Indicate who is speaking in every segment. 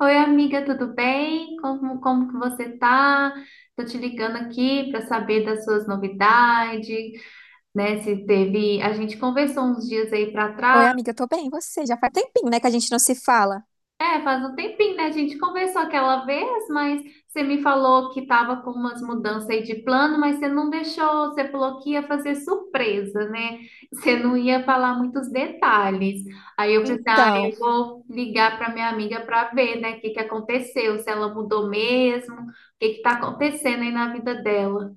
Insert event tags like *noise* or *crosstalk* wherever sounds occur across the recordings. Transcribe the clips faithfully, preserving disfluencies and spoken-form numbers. Speaker 1: Oi, amiga, tudo bem? Como, como que você tá? Tô te ligando aqui para saber das suas novidades, né? Se teve, a gente conversou uns dias aí para
Speaker 2: Oi,
Speaker 1: trás.
Speaker 2: amiga, eu tô bem, e você? Já faz tempinho, né, que a gente não se fala.
Speaker 1: É, faz um tempinho, né? A gente conversou aquela vez, mas você me falou que tava com umas mudanças aí de plano, mas você não deixou, você falou que ia fazer surpresa, né? Você não ia falar muitos detalhes. Aí eu pensei, ah,
Speaker 2: Então,
Speaker 1: eu vou ligar para minha amiga para ver, né, o que que aconteceu, se ela mudou mesmo, o que que tá acontecendo aí na vida dela.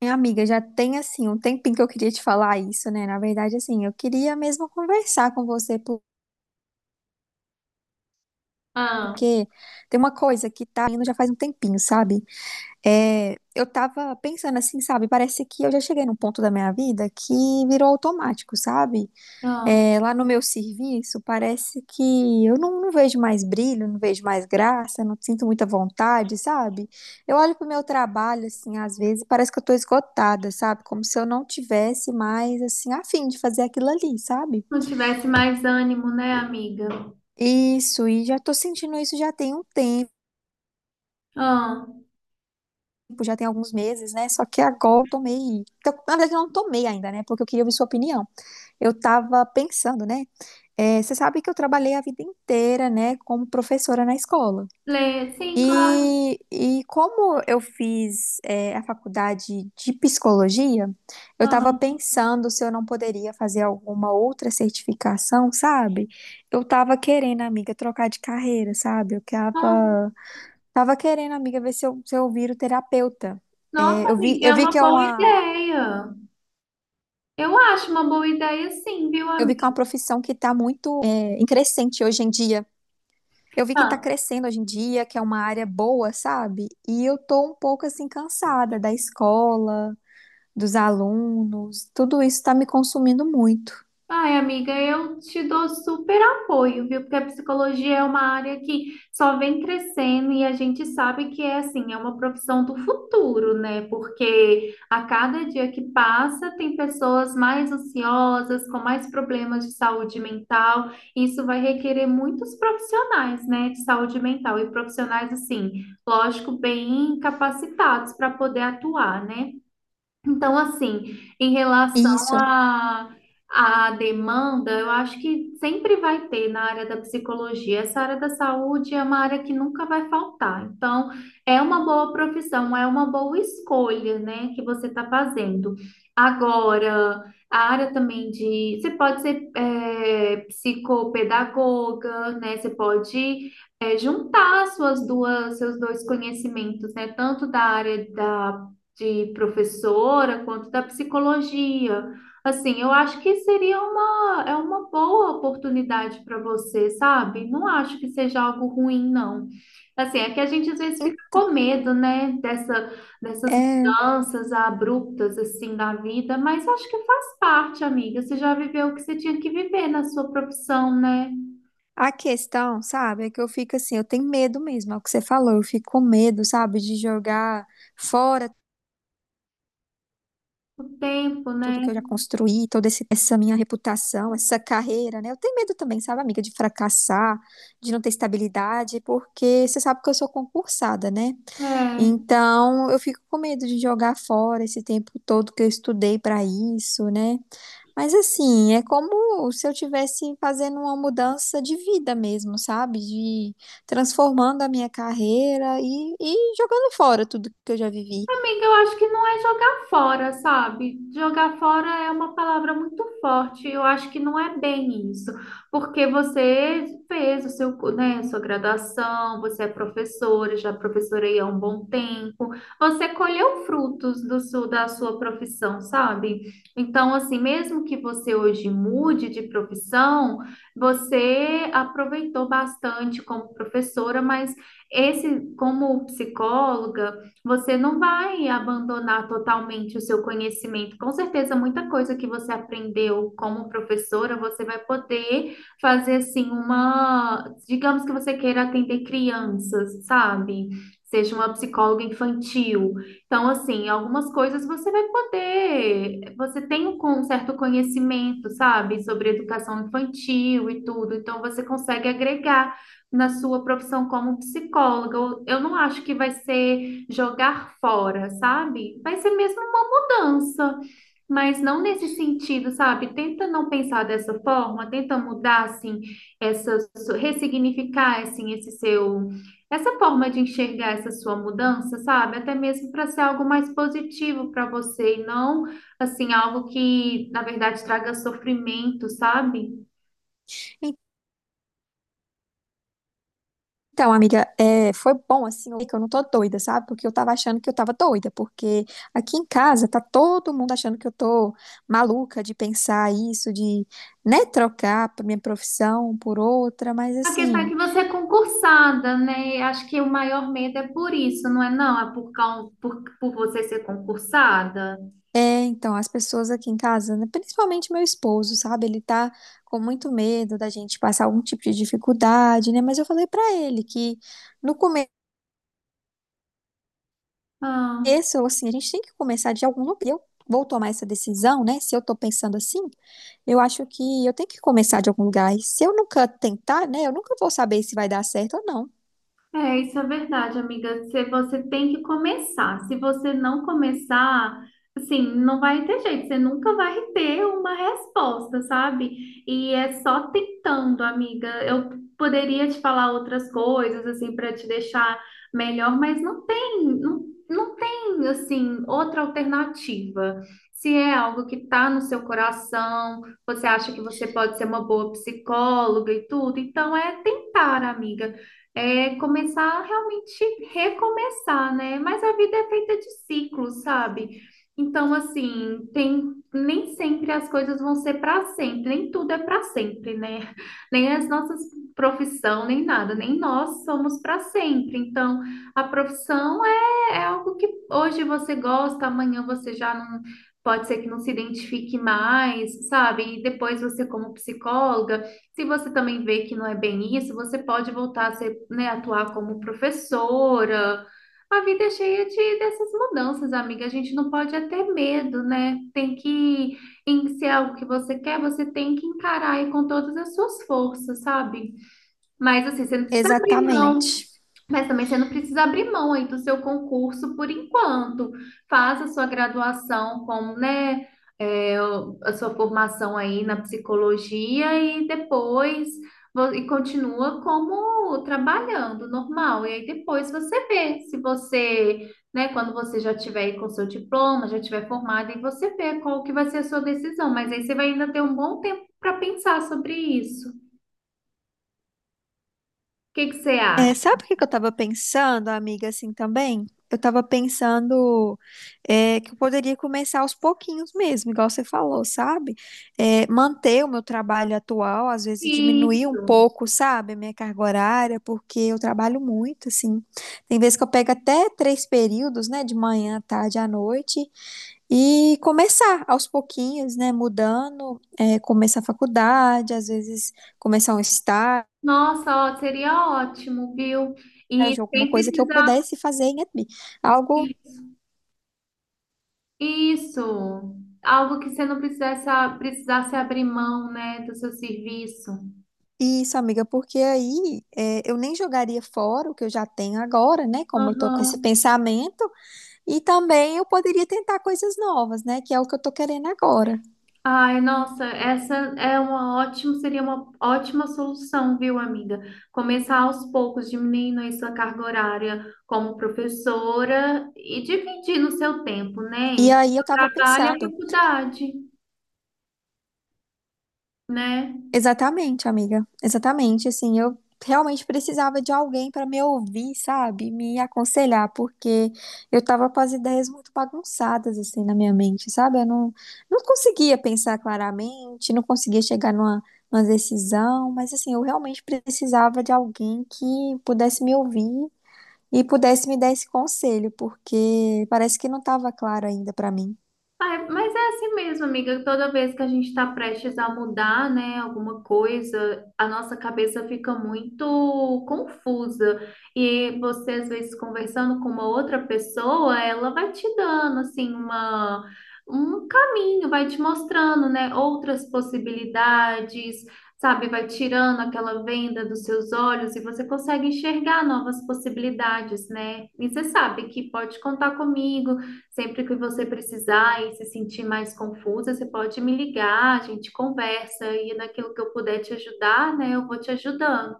Speaker 2: minha amiga, já tem, assim, um tempinho que eu queria te falar isso, né? Na verdade, assim, eu queria mesmo conversar com você, por-
Speaker 1: Ah,
Speaker 2: porque tem uma coisa que tá indo já faz um tempinho, sabe? É, eu tava pensando assim, sabe? Parece que eu já cheguei num ponto da minha vida que virou automático, sabe?
Speaker 1: ah,
Speaker 2: É, lá no meu serviço, parece que eu não, não vejo mais brilho, não vejo mais graça, não sinto muita vontade, sabe? Eu olho pro meu trabalho, assim, às vezes, e parece que eu tô esgotada, sabe? Como se eu não tivesse mais, assim, a fim de fazer aquilo ali, sabe?
Speaker 1: não tivesse mais ânimo, né, amiga?
Speaker 2: Isso, e já tô sentindo isso já tem um tempo,
Speaker 1: Ah,
Speaker 2: já tem alguns meses, né? Só que agora eu tomei. Então, na verdade, eu não tomei ainda, né? Porque eu queria ouvir sua opinião. Eu tava pensando, né? É, você sabe que eu trabalhei a vida inteira, né, como professora na escola.
Speaker 1: Lê, sim, claro.
Speaker 2: E, e como eu fiz, é, a faculdade de psicologia, eu
Speaker 1: Ah,
Speaker 2: estava pensando se eu não poderia fazer alguma outra certificação, sabe? Eu estava querendo, amiga, trocar de carreira, sabe? Eu
Speaker 1: ah.
Speaker 2: tava, tava querendo, amiga, ver se eu, se eu viro terapeuta.
Speaker 1: Nossa,
Speaker 2: É, eu vi,
Speaker 1: amiga, é
Speaker 2: eu vi
Speaker 1: uma
Speaker 2: que é
Speaker 1: boa
Speaker 2: uma,
Speaker 1: ideia. Eu acho uma boa ideia, sim, viu,
Speaker 2: eu vi que é
Speaker 1: amiga?
Speaker 2: uma profissão que está muito, é, em crescente hoje em dia. Eu vi que tá crescendo hoje em dia, que é uma área boa, sabe? E eu tô um pouco assim cansada da escola dos alunos, tudo isso está me consumindo muito.
Speaker 1: Ai, amiga, eu te dou super apoio, viu? Porque a psicologia é uma área que só vem crescendo e a gente sabe que é assim, é uma profissão do futuro, né? Porque a cada dia que passa, tem pessoas mais ansiosas, com mais problemas de saúde mental. Isso vai requerer muitos profissionais, né, de saúde mental e profissionais assim, lógico, bem capacitados para poder atuar, né? Então, assim, em relação
Speaker 2: Isso.
Speaker 1: à à demanda, eu acho que sempre vai ter na área da psicologia. Essa área da saúde é uma área que nunca vai faltar. Então, é uma boa profissão, é uma boa escolha, né, que você está fazendo. Agora, a área também de. Você pode ser é, psicopedagoga, né? Você pode é, juntar suas duas, seus dois conhecimentos, né? Tanto da área da de professora quanto da psicologia. Assim, eu acho que seria uma, é uma boa oportunidade para você, sabe? Não acho que seja algo ruim, não. Assim, é que a gente às vezes fica com
Speaker 2: Então,
Speaker 1: medo, né, dessa, dessas
Speaker 2: é,
Speaker 1: mudanças abruptas, assim, da vida, mas acho que faz parte, amiga. Você já viveu o que você tinha que viver na sua profissão, né?
Speaker 2: a questão, sabe, é que eu fico assim, eu tenho medo mesmo, é o que você falou, eu fico com medo, sabe, de jogar fora
Speaker 1: O tempo,
Speaker 2: tudo que
Speaker 1: né?
Speaker 2: eu já construí, toda esse- essa minha reputação, essa carreira, né? Eu tenho medo também, sabe, amiga, de fracassar, de não ter estabilidade, porque você sabe que eu sou concursada, né?
Speaker 1: É.
Speaker 2: Então, eu fico com medo de jogar fora esse tempo todo que eu estudei para isso, né? Mas assim, é como se eu tivesse fazendo uma mudança de vida mesmo, sabe? De transformando a minha carreira e, e jogando fora tudo que eu já vivi.
Speaker 1: Amiga, eu acho que não é jogar fora, sabe? Jogar fora é uma palavra muito forte. Eu acho que não é bem isso, porque você fez o seu, cu- né, a sua graduação, você é professora, já professorei há um bom tempo. Você colheu frutos do seu, da sua profissão, sabe? Então, assim, mesmo que você hoje mude de profissão, você aproveitou bastante como professora, mas esse, como psicóloga você não vai abandonar totalmente o seu conhecimento. Com certeza, muita coisa que você aprendeu como professora, você vai poder fazer assim uma, digamos que você queira atender crianças, sabe? Seja uma psicóloga infantil. Então, assim, algumas coisas você vai poder, você tem um con- certo conhecimento, sabe, sobre educação infantil e tudo, então você consegue agregar na sua profissão como psicóloga. Eu eu não acho que vai ser jogar fora, sabe? Vai ser mesmo uma mudança, mas não nesse sentido, sabe? Tenta não pensar dessa forma, tenta mudar, assim, essa, ressignificar, assim, esse seu, essa forma de enxergar essa sua mudança, sabe? Até mesmo para ser algo mais positivo para você e não, assim, algo que, na verdade, traga sofrimento, sabe?
Speaker 2: Então, amiga, é, foi bom assim, ouvir que eu não tô doida, sabe? Porque eu tava achando que eu tava doida, porque aqui em casa tá todo mundo achando que eu tô maluca de pensar isso, de, né, trocar a minha profissão por outra, mas
Speaker 1: A questão é
Speaker 2: assim.
Speaker 1: que você é concursada, né? Acho que o maior medo é por isso, não é não? É por, cau- por, por você ser concursada?
Speaker 2: É, então, as pessoas aqui em casa, né, principalmente meu esposo, sabe? Ele tá com muito medo da gente passar algum tipo de dificuldade, né? Mas eu falei pra ele que no
Speaker 1: Ah.
Speaker 2: começo, assim, a gente tem que começar de algum lugar. Eu vou tomar essa decisão, né? Se eu tô pensando assim, eu acho que eu tenho que começar de algum lugar. E se eu nunca tentar, né, eu nunca vou saber se vai dar certo ou não.
Speaker 1: É, isso é verdade, amiga. Se você tem que começar. Se você não começar, assim, não vai ter jeito. Você nunca vai ter uma resposta, sabe? E é só tentando, amiga. Eu poderia te falar outras coisas, assim, para te deixar melhor, mas não tem, não, não tem, assim, outra alternativa. Se é algo que tá no seu coração, você acha que você pode ser uma boa psicóloga e tudo, então é tentar, amiga é começar a realmente recomeçar, né? Mas a vida é feita de ciclos, sabe? Então, assim, tem nem sempre as coisas vão ser para sempre, nem tudo é para sempre, né? Nem as nossas profissão, nem nada, nem nós somos para sempre. Então, a profissão é, é algo que hoje você gosta, amanhã você já não pode ser que não se identifique mais, sabe? E depois você como psicóloga se você também vê que não é bem isso, você pode voltar a ser, né, atuar como professora. A vida é cheia de, dessas mudanças, amiga. A gente não pode é ter medo, né? Tem que, em se é algo que você quer, você tem que encarar aí com todas as suas forças, sabe? Mas assim, você não precisa abrir mão
Speaker 2: Exatamente.
Speaker 1: mas também você não precisa abrir mão aí do seu concurso por enquanto. Faça a sua graduação como, né, é, a sua formação aí na psicologia e depois vo- e continua como trabalhando normal. E aí depois você vê se você, né, quando você já tiver aí com seu diploma, já tiver formado, aí você vê qual que vai ser a sua decisão. Mas aí você vai ainda ter um bom tempo para pensar sobre isso. O que que você acha?
Speaker 2: É, sabe o que que eu tava pensando, amiga, assim também? Eu tava pensando é, que eu poderia começar aos pouquinhos mesmo, igual você falou, sabe? É, manter o meu trabalho atual, às vezes diminuir um
Speaker 1: Isso.
Speaker 2: pouco, sabe, a minha carga horária, porque eu trabalho muito, assim. Tem vezes que eu pego até três períodos, né, de manhã, tarde, à noite, e começar aos pouquinhos, né, mudando, é, começar a faculdade, às vezes começar um estágio
Speaker 1: Nossa, ó, seria ótimo, viu? E
Speaker 2: colégio, alguma
Speaker 1: sem
Speaker 2: coisa que eu
Speaker 1: precisar.
Speaker 2: pudesse fazer em E T B. Algo.
Speaker 1: Isso. Isso. Algo que você não precisasse, precisasse abrir mão, né, do seu serviço.
Speaker 2: Isso, amiga, porque aí é, eu nem jogaria fora o que eu já tenho agora, né? Como eu tô com esse
Speaker 1: Aham.
Speaker 2: pensamento, e também eu poderia tentar coisas novas, né? Que é o que eu tô querendo agora.
Speaker 1: Ai, nossa, essa é uma ótima, seria uma ótima solução, viu, amiga? Começar aos poucos, diminuindo aí sua carga horária como professora e dividindo o seu tempo, né,
Speaker 2: E
Speaker 1: entre
Speaker 2: aí eu
Speaker 1: o
Speaker 2: tava
Speaker 1: trabalho e a
Speaker 2: pensando.
Speaker 1: faculdade, né?
Speaker 2: Exatamente, amiga. Exatamente, assim, eu realmente precisava de alguém para me ouvir, sabe? Me aconselhar, porque eu tava com as ideias muito bagunçadas assim na minha mente, sabe? Eu não, não conseguia pensar claramente, não conseguia chegar numa, numa decisão, mas assim, eu realmente precisava de alguém que pudesse me ouvir e pudesse me dar esse conselho, porque parece que não tava claro ainda para mim.
Speaker 1: Ah, é, mas é assim mesmo, amiga. Toda vez que a gente está prestes a mudar, né, alguma coisa, a nossa cabeça fica muito confusa. E você, às vezes, conversando com uma outra pessoa, ela vai te dando, assim, uma, um caminho, vai te mostrando, né, outras possibilidades, sabe? Vai tirando aquela venda dos seus olhos e você consegue enxergar novas possibilidades, né? E você sabe que pode contar comigo. Sempre que você precisar e se sentir mais confusa, você pode me ligar, a gente conversa e naquilo que eu puder te ajudar, né, eu vou te ajudando.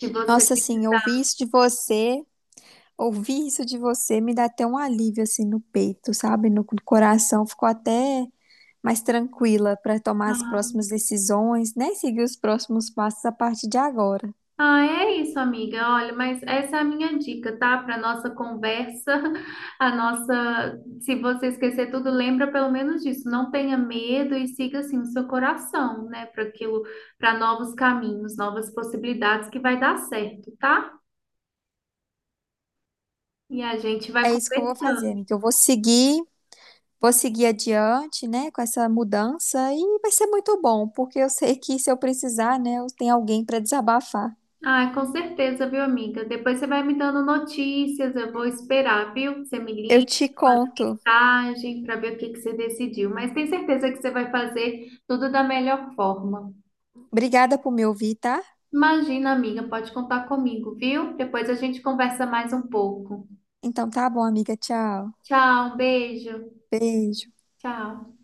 Speaker 1: Se você
Speaker 2: Nossa, assim, eu
Speaker 1: precisar.
Speaker 2: ouvi isso de você. Ouvir isso de você me dá até um alívio assim no peito, sabe? No coração. Ficou até mais tranquila para tomar as próximas decisões, né? Seguir os próximos passos a partir de agora.
Speaker 1: Ah, é isso, amiga. Olha, mas essa é a minha dica, tá? Para nossa conversa, *laughs* a nossa. Se você esquecer tudo, lembra pelo menos disso. Não tenha medo e siga assim o seu coração, né? Para aquilo, para novos caminhos, novas possibilidades que vai dar certo, tá? E a gente vai
Speaker 2: É isso que eu vou fazer,
Speaker 1: conversando.
Speaker 2: amiga. Eu vou seguir, vou seguir adiante, né? Com essa mudança e vai ser muito bom, porque eu sei que se eu precisar, né? Eu tenho alguém para desabafar.
Speaker 1: Ah, com certeza, viu, amiga? Depois você vai me dando notícias, eu vou esperar, viu? Você me
Speaker 2: Eu
Speaker 1: liga,
Speaker 2: te
Speaker 1: manda
Speaker 2: conto.
Speaker 1: mensagem para ver o que que você decidiu. Mas tenho certeza que você vai fazer tudo da melhor forma.
Speaker 2: Obrigada por me ouvir, tá?
Speaker 1: Imagina, amiga, pode contar comigo, viu? Depois a gente conversa mais um pouco.
Speaker 2: Então tá bom, amiga. Tchau.
Speaker 1: Tchau, um beijo.
Speaker 2: Beijo.
Speaker 1: Tchau.